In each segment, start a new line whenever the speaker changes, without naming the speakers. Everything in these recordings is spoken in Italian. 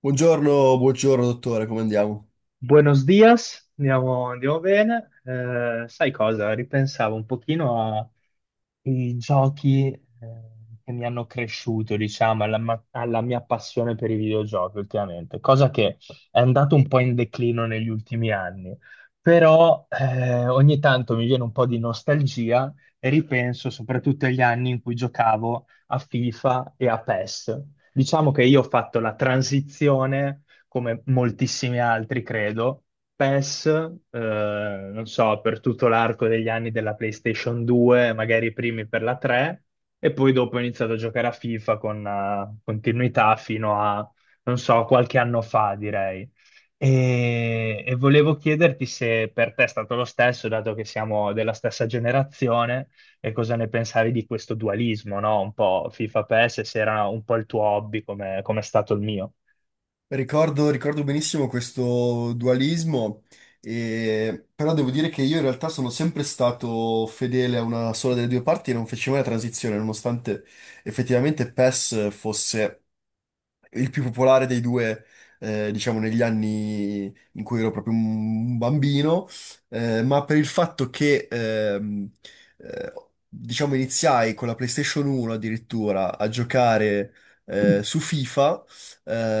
Buongiorno, buongiorno dottore, come andiamo?
Buenos dias, andiamo, andiamo bene. Sai cosa? Ripensavo un pochino ai giochi che mi hanno cresciuto, diciamo, alla mia passione per i videogiochi ultimamente, cosa che è andato un po' in declino negli ultimi anni, però ogni tanto mi viene un po' di nostalgia e ripenso soprattutto agli anni in cui giocavo a FIFA e a PES. Diciamo che io ho fatto la transizione come moltissimi altri, credo. PES, non so, per tutto l'arco degli anni della PlayStation 2, magari i primi per la 3, e poi dopo ho iniziato a giocare a FIFA con continuità fino a, non so, qualche anno fa, direi. E volevo chiederti se per te è stato lo stesso, dato che siamo della stessa generazione, e cosa ne pensavi di questo dualismo, no? Un po' FIFA PES, e se era un po' il tuo hobby, come è stato il mio.
Ricordo, ricordo benissimo questo dualismo, però devo dire che io in realtà sono sempre stato fedele a una sola delle due parti e non feci mai la transizione, nonostante effettivamente PES fosse il più popolare dei due, diciamo, negli anni in cui ero proprio un bambino, ma per il fatto che, eh, diciamo, iniziai con la PlayStation 1 addirittura a giocare, su FIFA,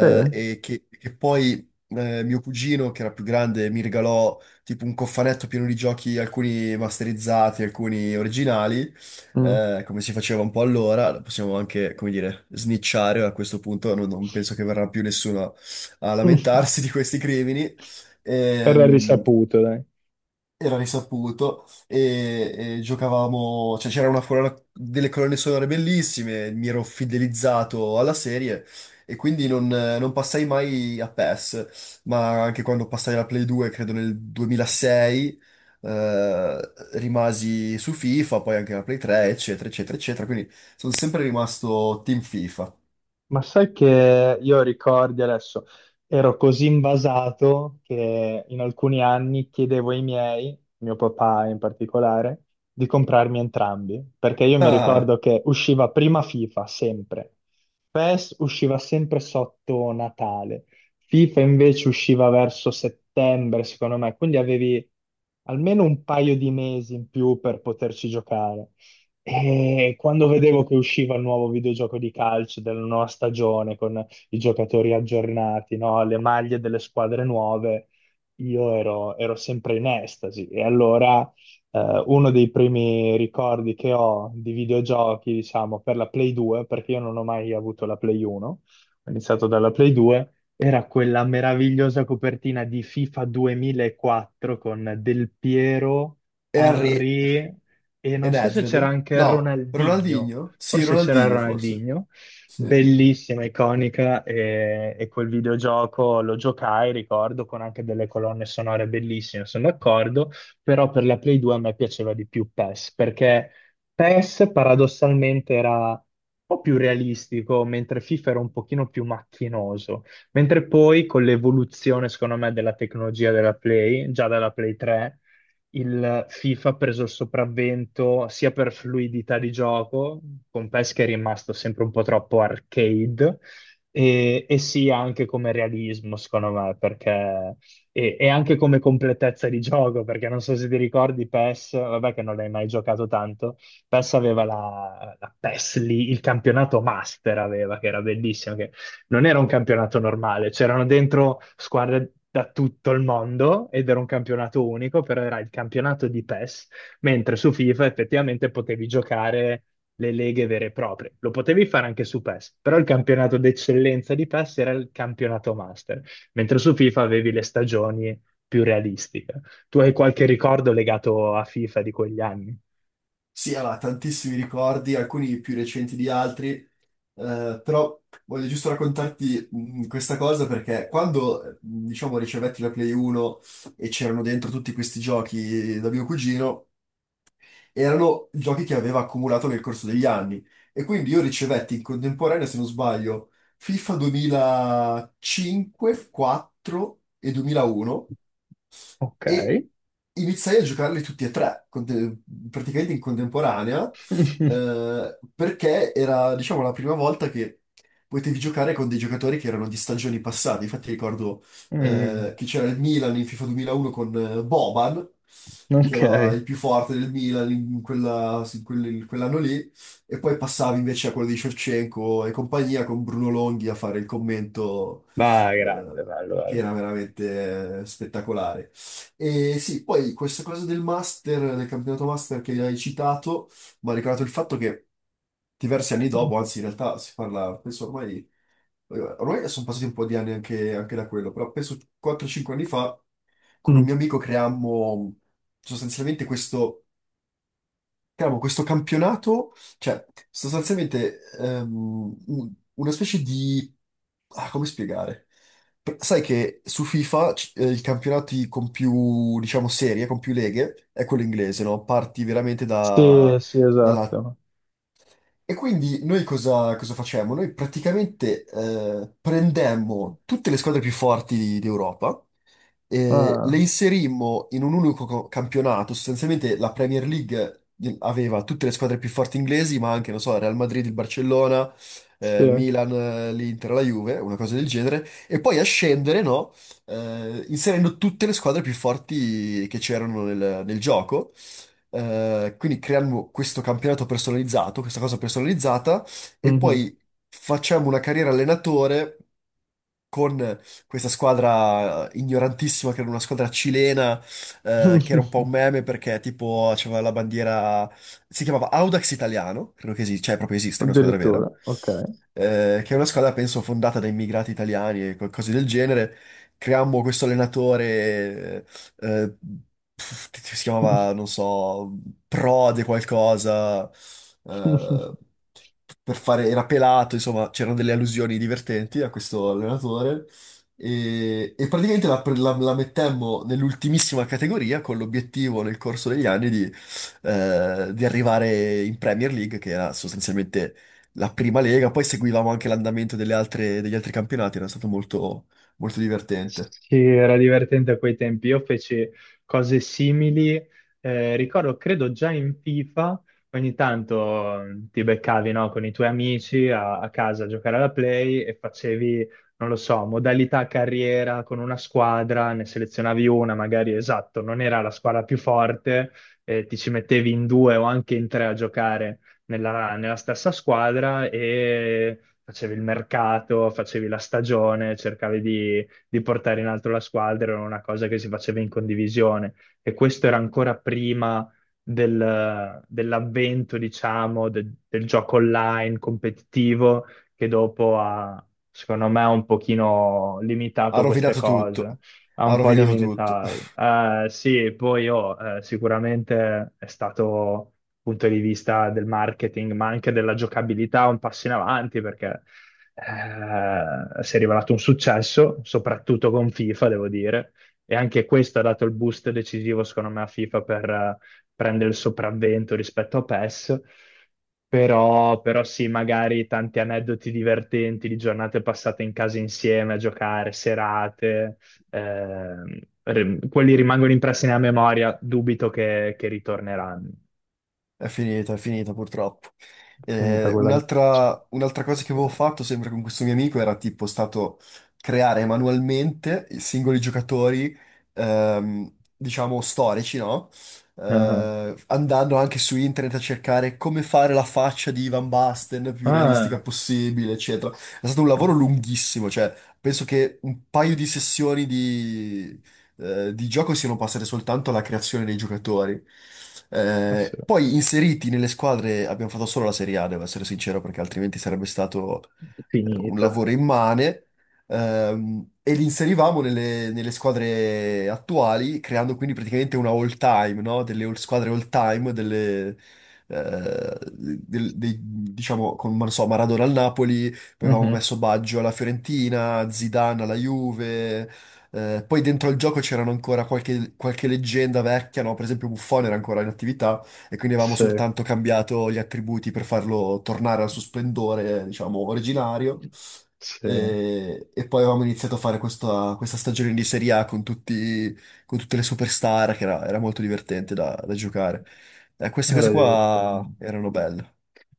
Sì.
e che poi, mio cugino, che era più grande, mi regalò tipo un cofanetto pieno di giochi, alcuni masterizzati, alcuni originali,
Mm.
come si faceva un po' allora, la possiamo anche, come dire, snicciare a questo punto, non penso che verrà più nessuno a lamentarsi di questi crimini.
Era
Ehm,
risaputo, dai.
Era risaputo e giocavamo, cioè c'era una colonna, delle colonne sonore bellissime, mi ero fidelizzato alla serie e quindi non passai mai a PES, ma anche quando passai alla Play 2, credo nel 2006, rimasi su FIFA, poi anche la Play 3, eccetera, eccetera, eccetera, quindi sono sempre rimasto team FIFA.
Ma sai che io ricordi adesso, ero così invasato che in alcuni anni chiedevo ai miei, mio papà in particolare, di comprarmi entrambi, perché io mi
Ah,
ricordo che usciva prima FIFA, sempre. PES usciva sempre sotto Natale. FIFA invece usciva verso settembre, secondo me, quindi avevi almeno un paio di mesi in più per poterci giocare. E quando vedevo che usciva il nuovo videogioco di calcio della nuova stagione con i giocatori aggiornati, no? Le maglie delle squadre nuove, io ero sempre in estasi. E allora uno dei primi ricordi che ho di videogiochi, diciamo, per la Play 2, perché io non ho mai avuto la Play 1, ho iniziato dalla Play 2, era quella meravigliosa copertina di FIFA 2004 con Del Piero,
Henry
Henry. E
e
non so se c'era
Nedved?
anche
No,
Ronaldinho,
Ronaldinho? Sì,
forse c'era
Ronaldinho forse.
Ronaldinho,
Sì.
bellissima, iconica, e quel videogioco lo giocai, ricordo, con anche delle colonne sonore bellissime, sono d'accordo, però per la Play 2 a me piaceva di più PES, perché PES paradossalmente era un po' più realistico, mentre FIFA era un pochino più macchinoso, mentre poi con l'evoluzione, secondo me, della tecnologia della Play, già dalla Play 3, il FIFA ha preso il sopravvento sia per fluidità di gioco, con PES che è rimasto sempre un po' troppo arcade, e sia anche come realismo, secondo me, perché, e anche come completezza di gioco, perché non so se ti ricordi PES, vabbè che non l'hai mai giocato tanto, PES aveva la PES lì, il campionato Master aveva, che era bellissimo, che non era un campionato normale, c'erano dentro squadre da tutto il mondo ed era un campionato unico, però era il campionato di PES, mentre su FIFA effettivamente potevi giocare le leghe vere e proprie. Lo potevi fare anche su PES, però il campionato d'eccellenza di PES era il campionato master, mentre su FIFA avevi le stagioni più realistiche. Tu hai qualche ricordo legato a FIFA di quegli anni?
Sì, aveva tantissimi ricordi, alcuni più recenti di altri, però voglio giusto raccontarti questa cosa perché quando, diciamo, ricevetti la Play 1 e c'erano dentro tutti questi giochi da mio cugino, erano giochi che aveva accumulato nel corso degli anni e quindi io ricevetti in contemporanea, se non sbaglio, FIFA 2005, 4 e 2001
Ok.
e iniziai a giocarli tutti e tre, praticamente in contemporanea, perché era, diciamo, la prima volta che potevi giocare con dei giocatori che erano di stagioni passate. Infatti ricordo
Mm,
che c'era il Milan in FIFA 2001 con Boban, che
ok.
era il più forte del Milan in in quell'anno lì, e poi passavi invece a quello di Shevchenko e compagnia con Bruno Longhi a fare il commento
Va, grande,
eh,
bello,
che
bello.
era veramente spettacolare. E sì, poi questa cosa del master, del campionato master che hai citato, mi ha ricordato il fatto che diversi anni dopo, anzi in realtà si parla, penso ormai sono passati un po' di anni anche da quello, però penso 4-5 anni fa con un
Mm.
mio amico creammo sostanzialmente questo Cavolo, questo campionato, cioè, sostanzialmente una specie di. Ah, come spiegare? Sai che su FIFA i campionati con più, diciamo, serie, con più leghe, è quello inglese, no? Parti veramente
Sì,
da,
sì, esatto.
e quindi noi cosa facemmo? Noi praticamente prendemmo tutte le squadre più forti d'Europa,
Ah,
le inserimmo in un unico campionato, sostanzialmente la Premier League aveva tutte le squadre più forti inglesi, ma anche, non so, il Real Madrid, il Barcellona, il
sì.
Milan, l'Inter, la Juve, una cosa del genere, e poi a scendere, no, inserendo tutte le squadre più forti che c'erano nel gioco. Quindi creiamo questo campionato personalizzato, questa cosa personalizzata, e
Mhm.
poi facciamo una carriera allenatore con questa squadra ignorantissima, che era una squadra cilena, che era un po' un meme perché tipo aveva la bandiera, si chiamava Audax Italiano, credo che esista, cioè proprio esiste, è una squadra vera
Addirittura, ok.
che è una squadra, penso, fondata da immigrati italiani e cose del genere. Creammo questo allenatore, eh, che si chiamava, non so, Prode qualcosa, eh, per fare, era pelato, insomma, c'erano delle allusioni divertenti a questo allenatore. E praticamente la mettemmo nell'ultimissima categoria con l'obiettivo nel corso degli anni di arrivare in Premier League, che era sostanzialmente la prima lega, poi seguivamo anche l'andamento degli altri campionati, era stato molto, molto divertente.
Sì, era divertente a quei tempi. Io feci cose simili. Ricordo, credo già in FIFA, ogni tanto ti beccavi, no, con i tuoi amici a casa a giocare alla Play e facevi, non lo so, modalità carriera con una squadra, ne selezionavi una, magari esatto, non era la squadra più forte, ti ci mettevi in due o anche in tre a giocare nella stessa squadra e facevi il mercato, facevi la stagione, cercavi di portare in alto la squadra, era una cosa che si faceva in condivisione e questo era ancora prima dell'avvento, diciamo, del gioco online competitivo che dopo ha, secondo me, un pochino
Ha
limitato queste
rovinato
cose.
tutto,
Ha
ha
un po'
rovinato tutto.
limitato. Sì, poi oh, sicuramente è stato punto di vista del marketing, ma anche della giocabilità, un passo in avanti, perché si è rivelato un successo, soprattutto con FIFA, devo dire, e anche questo ha dato il boost decisivo, secondo me, a FIFA per prendere il sopravvento rispetto a PES. Però sì, magari tanti aneddoti divertenti di giornate passate in casa insieme a giocare, serate, quelli rimangono impressi nella memoria, dubito che ritorneranno.
È finita purtroppo.
Finita quella.
Un'altra cosa che avevo fatto sempre con questo mio amico era tipo stato creare manualmente i singoli giocatori, diciamo, storici, no?
Ah,
Andando anche su internet a cercare come fare la faccia di Van Basten più realistica
ah.
possibile, eccetera. È stato un lavoro lunghissimo, cioè penso che un paio di sessioni di gioco siano passate soltanto alla creazione dei giocatori.
Ah, sì.
Poi inseriti nelle squadre abbiamo fatto solo la Serie A, devo essere sincero, perché altrimenti sarebbe stato un
Finito.
lavoro immane. E li inserivamo nelle squadre attuali, creando quindi praticamente una all time, no? Delle squadre all time, diciamo, con non so, Maradona al Napoli, poi avevamo
Mhm.
messo Baggio alla Fiorentina, Zidane alla Juve, poi dentro al gioco c'erano ancora qualche leggenda vecchia, no? Per esempio Buffon era ancora in attività e quindi avevamo
Sì,
soltanto cambiato gli attributi per farlo tornare al suo splendore, diciamo, originario.
sì,
E poi avevamo iniziato a fare questa stagione di Serie A con tutti, con tutte le superstar, che era molto divertente da giocare. Queste cose
era
qua
divertente.
erano belle.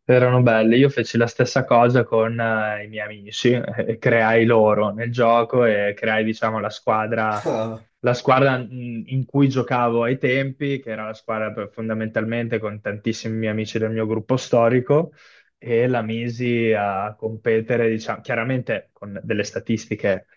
Erano belle, io feci la stessa cosa con i miei amici, e creai loro nel gioco e creai, diciamo,
Ah,
la squadra in cui giocavo ai tempi, che era la squadra fondamentalmente con tantissimi miei amici del mio gruppo storico, e la misi a competere, diciamo, chiaramente con delle statistiche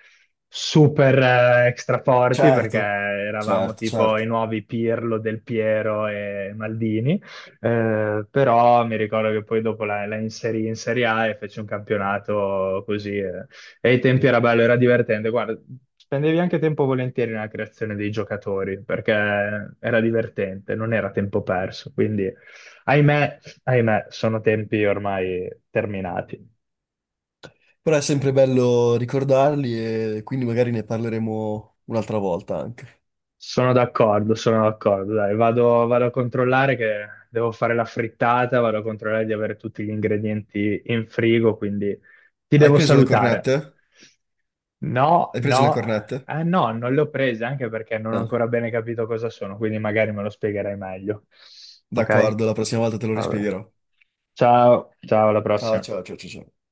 super extra forti, perché
certo,
eravamo
certo,
tipo i
certo.
nuovi Pirlo, Del Piero e Maldini però mi ricordo che poi dopo la inserì in Serie A e fece un campionato così. E ai tempi era bello, era divertente. Guarda, spendevi anche tempo volentieri nella creazione dei giocatori perché era divertente, non era tempo perso. Quindi, ahimè, ahimè, sono tempi ormai terminati.
Però è sempre bello ricordarli e quindi magari ne parleremo un'altra volta anche.
Sono d'accordo, sono d'accordo. Dai, vado a controllare che devo fare la frittata, vado a controllare di avere tutti gli ingredienti in frigo, quindi ti
Hai
devo
preso le cornette?
salutare. No,
Hai preso le
no,
cornette?
ah no, non le ho prese anche perché non ho
No.
ancora bene capito cosa sono, quindi magari me lo spiegherai meglio. Ok?
D'accordo, la prossima volta te lo
Vabbè.
rispiegherò.
Ciao, ciao, alla
Ciao,
prossima.
ciao, ciao, ciao. Ciao.